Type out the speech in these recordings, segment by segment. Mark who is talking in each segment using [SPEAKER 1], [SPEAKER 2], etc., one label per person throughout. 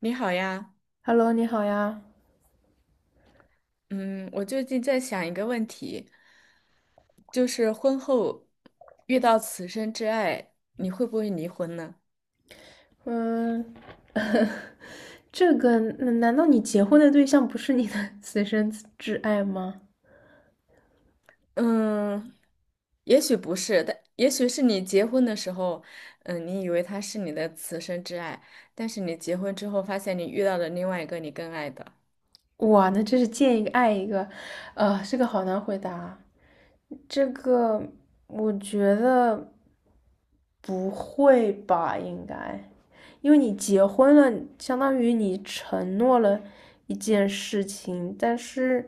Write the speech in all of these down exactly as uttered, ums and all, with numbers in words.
[SPEAKER 1] 你好呀，
[SPEAKER 2] Hello，你好呀。
[SPEAKER 1] 嗯，我最近在想一个问题，就是婚后遇到此生挚爱，你会不会离婚呢？
[SPEAKER 2] 嗯，这个，嗯难道你结婚的对象不是你的 此生挚爱吗？
[SPEAKER 1] 嗯，也许不是，但也许是你结婚的时候，嗯，你以为他是你的此生挚爱，但是你结婚之后发现你遇到了另外一个你更爱的。
[SPEAKER 2] 哇，那真是见一个爱一个，呃，这个好难回答啊。这个我觉得不会吧，应该，因为你结婚了，相当于你承诺了一件事情。但是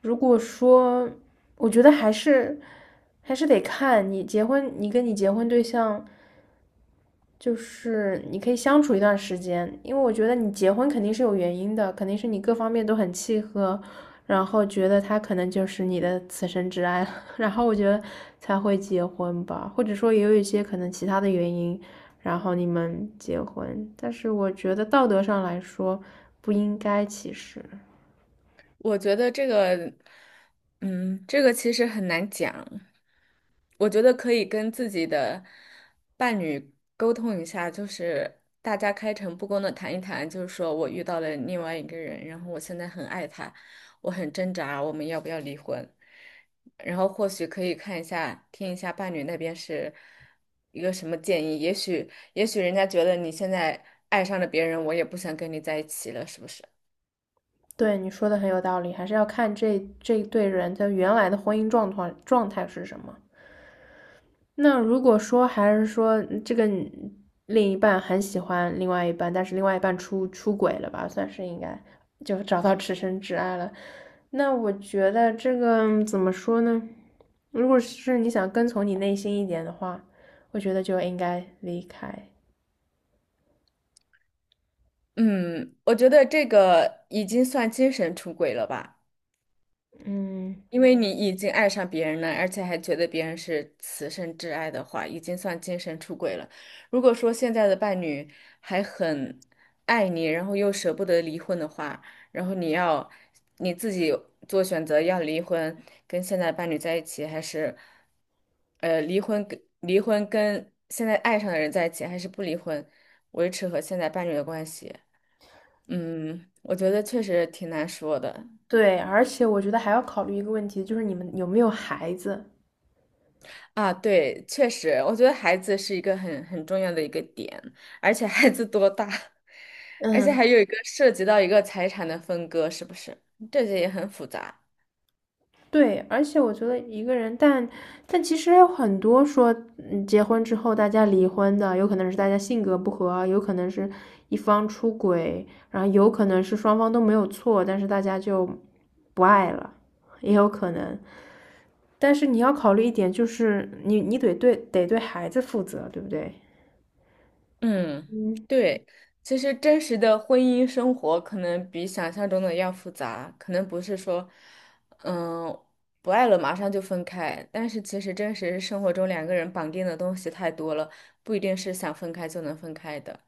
[SPEAKER 2] 如果说，我觉得还是还是得看你结婚，你跟你结婚对象。就是你可以相处一段时间，因为我觉得你结婚肯定是有原因的，肯定是你各方面都很契合，然后觉得他可能就是你的此生挚爱了。 然后我觉得才会结婚吧，或者说也有一些可能其他的原因，然后你们结婚，但是我觉得道德上来说不应该其实。
[SPEAKER 1] 我觉得这个，嗯，这个其实很难讲。我觉得可以跟自己的伴侣沟通一下，就是大家开诚布公的谈一谈，就是说我遇到了另外一个人，然后我现在很爱他，我很挣扎，我们要不要离婚？然后或许可以看一下，听一下伴侣那边是一个什么建议，也许也许人家觉得你现在爱上了别人，我也不想跟你在一起了，是不是？
[SPEAKER 2] 对，你说的很有道理，还是要看这这对人的原来的婚姻状况状态是什么。那如果说还是说嗯这个另一半很喜欢另外一半，但是另外一半出出轨了吧，算是应该就找到此生挚爱了。那我觉得这个怎么说呢？如果是你想跟从你内心一点的话，我觉得就应该离开。
[SPEAKER 1] 嗯，我觉得这个已经算精神出轨了吧。
[SPEAKER 2] 嗯，
[SPEAKER 1] 因为你已经爱上别人了，而且还觉得别人是此生挚爱的话，已经算精神出轨了。如果说现在的伴侣还很爱你，然后又舍不得离婚的话，然后你要你自己做选择，要离婚，跟现在伴侣在一起，还是呃离婚跟离婚跟现在爱上的人在一起，还是不离婚，维持和现在伴侣的关系？嗯，我觉得确实挺难说的。
[SPEAKER 2] 对，而且我觉得还要考虑一个问题，就是你们有没有孩子？
[SPEAKER 1] 啊，对，确实，我觉得孩子是一个很很重要的一个点，而且孩子多大，而且
[SPEAKER 2] 嗯，
[SPEAKER 1] 还有一个涉及到一个财产的分割，是不是？这些也很复杂。
[SPEAKER 2] 对，而且我觉得一个人，但但其实还有很多说，嗯，结婚之后大家离婚的，有可能是大家性格不合，有可能是一方出轨，然后有可能是双方都没有错，但是大家就不爱了，也有可能。但是你要考虑一点，就是你你得对得对孩子负责，对不对？
[SPEAKER 1] 嗯，对，其实真实的婚姻生活可能比想象中的要复杂，可能不是说，嗯，不爱了马上就分开，但是其实真实生活中两个人绑定的东西太多了，不一定是想分开就能分开的。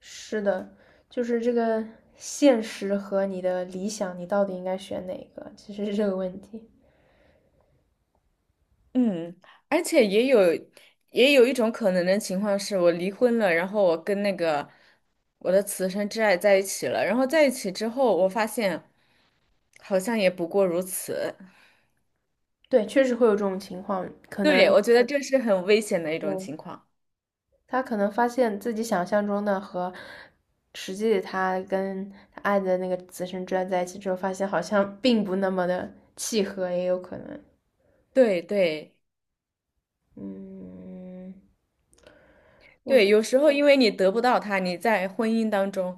[SPEAKER 2] 是的，就是这个现实和你的理想，你到底应该选哪个？其实是这个问题。
[SPEAKER 1] 嗯，而且也有也有一种可能的情况是，我离婚了，然后我跟那个我的此生挚爱在一起了，然后在一起之后，我发现好像也不过如此。
[SPEAKER 2] 对，确实会有这种情况，可
[SPEAKER 1] 对，
[SPEAKER 2] 能。
[SPEAKER 1] 我觉得这是很危险的一种
[SPEAKER 2] 对，
[SPEAKER 1] 情况。
[SPEAKER 2] 他可能发现自己想象中的和实际的，他跟他爱的那个紫生之爱在一起之后，发现好像并不那么的契合，也有可能。
[SPEAKER 1] 对对。
[SPEAKER 2] 嗯。
[SPEAKER 1] 对，有时候因为你得不到他，你在婚姻当中，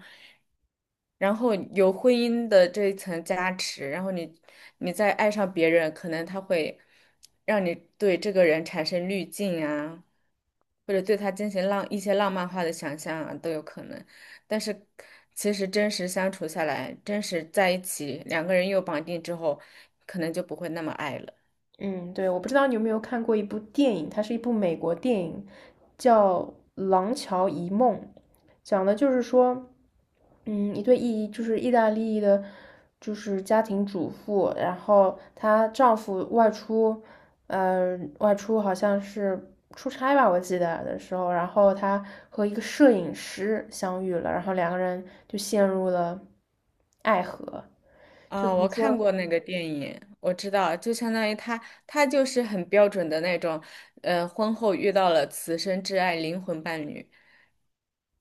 [SPEAKER 1] 然后有婚姻的这一层加持，然后你你再爱上别人，可能他会让你对这个人产生滤镜啊，或者对他进行浪一些浪漫化的想象啊，都有可能。但是其实真实相处下来，真实在一起，两个人又绑定之后，可能就不会那么爱了。
[SPEAKER 2] 嗯，对，我不知道你有没有看过一部电影，它是一部美国电影，叫《廊桥遗梦》，讲的就是说，嗯，一对意就是意大利的，就是家庭主妇，然后她丈夫外出，呃，外出好像是出差吧，我记得的时候，然后她和一个摄影师相遇了，然后两个人就陷入了爱河，就
[SPEAKER 1] 啊，
[SPEAKER 2] 比
[SPEAKER 1] 我
[SPEAKER 2] 如
[SPEAKER 1] 看
[SPEAKER 2] 说。
[SPEAKER 1] 过那个电影，我知道，就相当于他，他就是很标准的那种，呃，婚后遇到了此生挚爱灵魂伴侣。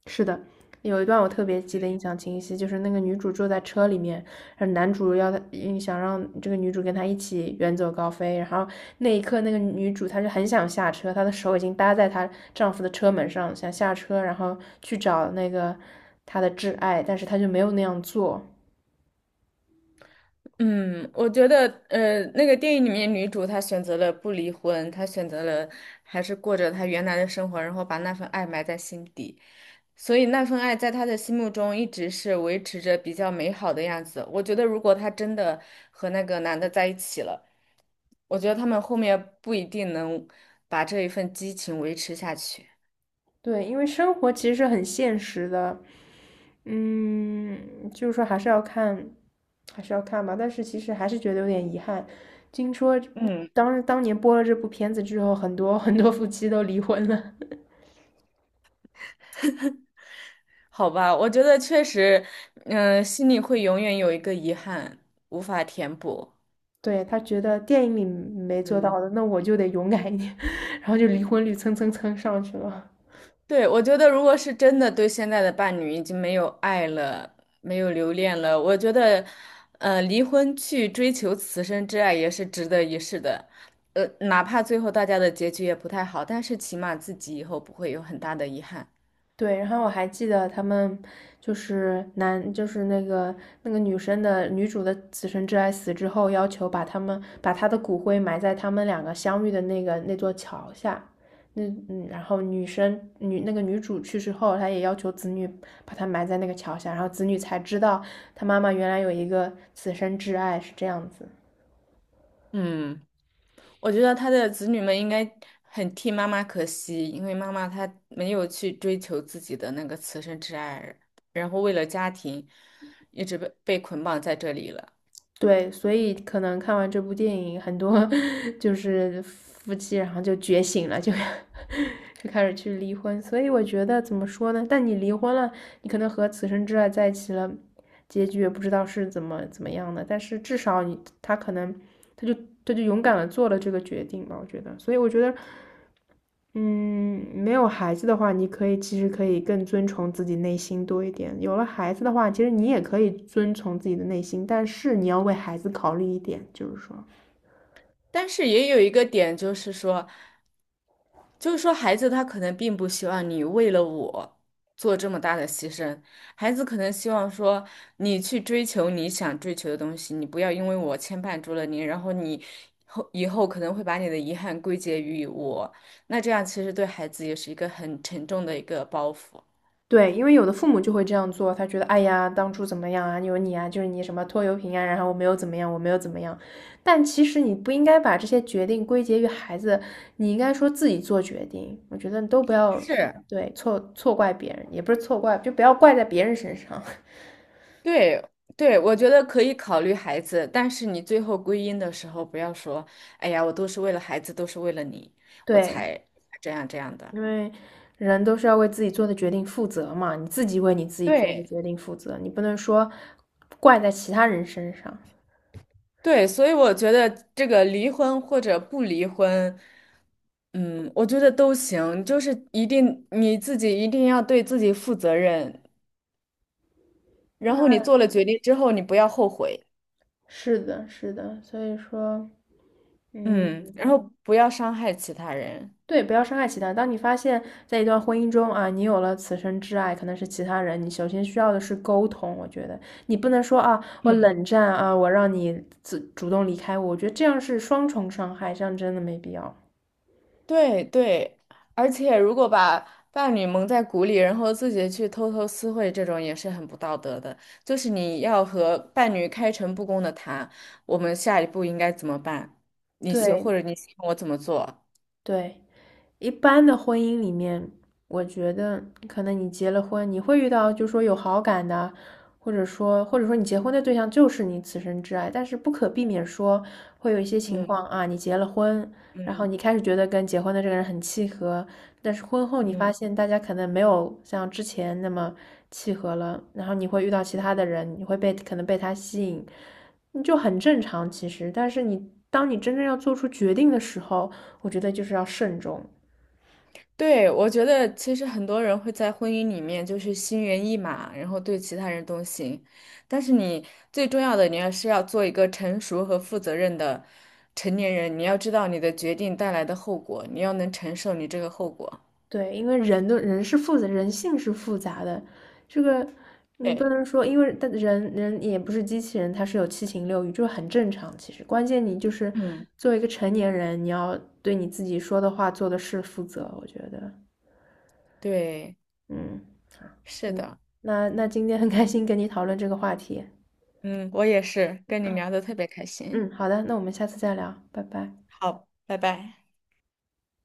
[SPEAKER 2] 是的，有一段我特别记得印象清晰，就是那个女主坐在车里面，然后男主要她嗯想让这个女主跟他一起远走高飞，然后那一刻那个女主她就很想下车，她的手已经搭在她丈夫的车门上，想下车然后去找那个她的挚爱，但是她就没有那样做。
[SPEAKER 1] 嗯，我觉得，呃，那个电影里面女主她选择了不离婚，她选择了还是过着她原来的生活，然后把那份爱埋在心底，所以那份爱在她的心目中一直是维持着比较美好的样子。我觉得，如果她真的和那个男的在一起了。我觉得他们后面不一定能把这一份激情维持下去。
[SPEAKER 2] 对，因为生活其实是很现实的，嗯，就是说还是要看，还是要看吧。但是其实还是觉得有点遗憾。听说
[SPEAKER 1] 嗯，
[SPEAKER 2] 当当年播了这部片子之后，很多 很多夫妻都离婚了。
[SPEAKER 1] 好吧，我觉得确实，嗯、心里会永远有一个遗憾，无法填补。
[SPEAKER 2] 对，他觉得电影里没做到
[SPEAKER 1] 嗯，
[SPEAKER 2] 的，那我就得勇敢一点，然后就离婚率蹭蹭蹭上去了。
[SPEAKER 1] 对，我觉得如果是真的对现在的伴侣已经没有爱了，没有留恋了，我觉得，呃，离婚去追求此生之爱也是值得一试的。呃，哪怕最后大家的结局也不太好，但是起码自己以后不会有很大的遗憾。
[SPEAKER 2] 对，然后我还记得他们就是男，就是那个那个女生的女主的此生挚爱死之后，要求把他们把她的骨灰埋在他们两个相遇的那个那座桥下。那嗯，然后女生女那个女主去世后，她也要求子女把她埋在那个桥下，然后子女才知道她妈妈原来有一个此生挚爱是这样子。
[SPEAKER 1] 嗯。我觉得他的子女们应该很替妈妈可惜，因为妈妈她没有去追求自己的那个此生挚爱，然后为了家庭，一直被被捆绑在这里了。
[SPEAKER 2] 对，所以可能看完这部电影，很多 就是夫妻，然后就觉醒了，就 就开始去离婚。所以我觉得怎么说呢？但你离婚了，你可能和此生挚爱在一起了，结局也不知道是怎么怎么样的。但是至少你他可能他就他就勇敢的做了这个决定吧，我觉得。所以我觉得，嗯，没有孩子的话，你可以其实可以更遵从自己内心多一点。有了孩子的话，其实你也可以遵从自己的内心，但是你要为孩子考虑一点，就是说，
[SPEAKER 1] 但是也有一个点，就是说。就是说，孩子他可能并不希望你为了我做这么大的牺牲，孩子可能希望说你去追求你想追求的东西，你不要因为我牵绊住了你，然后你后以后可能会把你的遗憾归结于我，那这样其实对孩子也是一个很沉重的一个包袱。
[SPEAKER 2] 对，因为有的父母就会这样做，他觉得，哎呀，当初怎么样啊，有你啊，就是你什么拖油瓶啊，然后我没有怎么样，我没有怎么样。但其实你不应该把这些决定归结于孩子，你应该说自己做决定。我觉得都不要，
[SPEAKER 1] 是，
[SPEAKER 2] 对，错错怪别人，也不是错怪，就不要怪在别人身上。
[SPEAKER 1] 对对，我觉得可以考虑孩子，但是你最后归因的时候，不要说，哎呀，我都是为了孩子，都是为了你，我
[SPEAKER 2] 对，
[SPEAKER 1] 才才这样这样的。
[SPEAKER 2] 因为人都是要为自己做的决定负责嘛，你自己为你自己做的
[SPEAKER 1] 对。
[SPEAKER 2] 决定负责，你不能说怪在其他人身上。
[SPEAKER 1] 对，所以我觉得这个离婚或者不离婚，嗯，我觉得都行，就是一定你自己一定要对自己负责任，然后你
[SPEAKER 2] 那
[SPEAKER 1] 做了决定之后，你不要后悔，
[SPEAKER 2] 是的，是的，所以说，嗯，
[SPEAKER 1] 嗯，然后不要伤害其他人。
[SPEAKER 2] 对，不要伤害其他人。当你发现在一段婚姻中啊，你有了此生挚爱，可能是其他人，你首先需要的是沟通。我觉得你不能说啊，我
[SPEAKER 1] 嗯，
[SPEAKER 2] 冷战啊，我让你自主动离开我，我觉得这样是双重伤害，这样真的没必要。
[SPEAKER 1] 对对，而且如果把伴侣蒙在鼓里，然后自己去偷偷私会，这种也是很不道德的。就是你要和伴侣开诚布公的谈，我们下一步应该怎么办？你希
[SPEAKER 2] 对，
[SPEAKER 1] 或者你希望我怎么做？
[SPEAKER 2] 对。一般的婚姻里面，我觉得可能你结了婚，你会遇到就是说有好感的，或者说或者说你结婚的对象就是你此生挚爱，但是不可避免说会有一些情
[SPEAKER 1] 嗯
[SPEAKER 2] 况啊，你结了婚，然后
[SPEAKER 1] 嗯
[SPEAKER 2] 你开始觉得跟结婚的这个人很契合，但是婚后你发
[SPEAKER 1] 嗯
[SPEAKER 2] 现大家可能没有像之前那么契合了，然后你会遇到其
[SPEAKER 1] 嗯，
[SPEAKER 2] 他的人，你会被可能被他吸引，你就很正常其实，但是你当你真正要做出决定的时候，我觉得就是要慎重。
[SPEAKER 1] 对，我觉得其实很多人会在婚姻里面就是心猿意马，然后对其他人动心，但是你最重要的，你要是要做一个成熟和负责任的成年人，你要知道你的决定带来的后果，你要能承受你这个后果。
[SPEAKER 2] 对，因为人的人是复杂，人性是复杂的，这个你不
[SPEAKER 1] 对，
[SPEAKER 2] 能说，因为但人人也不是机器人，他是有七情六欲，这很正常。其实关键你就是
[SPEAKER 1] 嗯，
[SPEAKER 2] 作为一个成年人，你要对你自己说的话、做的事负责。我觉得，
[SPEAKER 1] 对，
[SPEAKER 2] 嗯，好，
[SPEAKER 1] 是
[SPEAKER 2] 嗯，
[SPEAKER 1] 的，
[SPEAKER 2] 那那今天很开心跟你讨论这个话题。
[SPEAKER 1] 嗯，我也是，跟你
[SPEAKER 2] 嗯。
[SPEAKER 1] 聊的特别开心。
[SPEAKER 2] 嗯，好的，那我们下次再聊，拜拜。
[SPEAKER 1] 好，拜拜。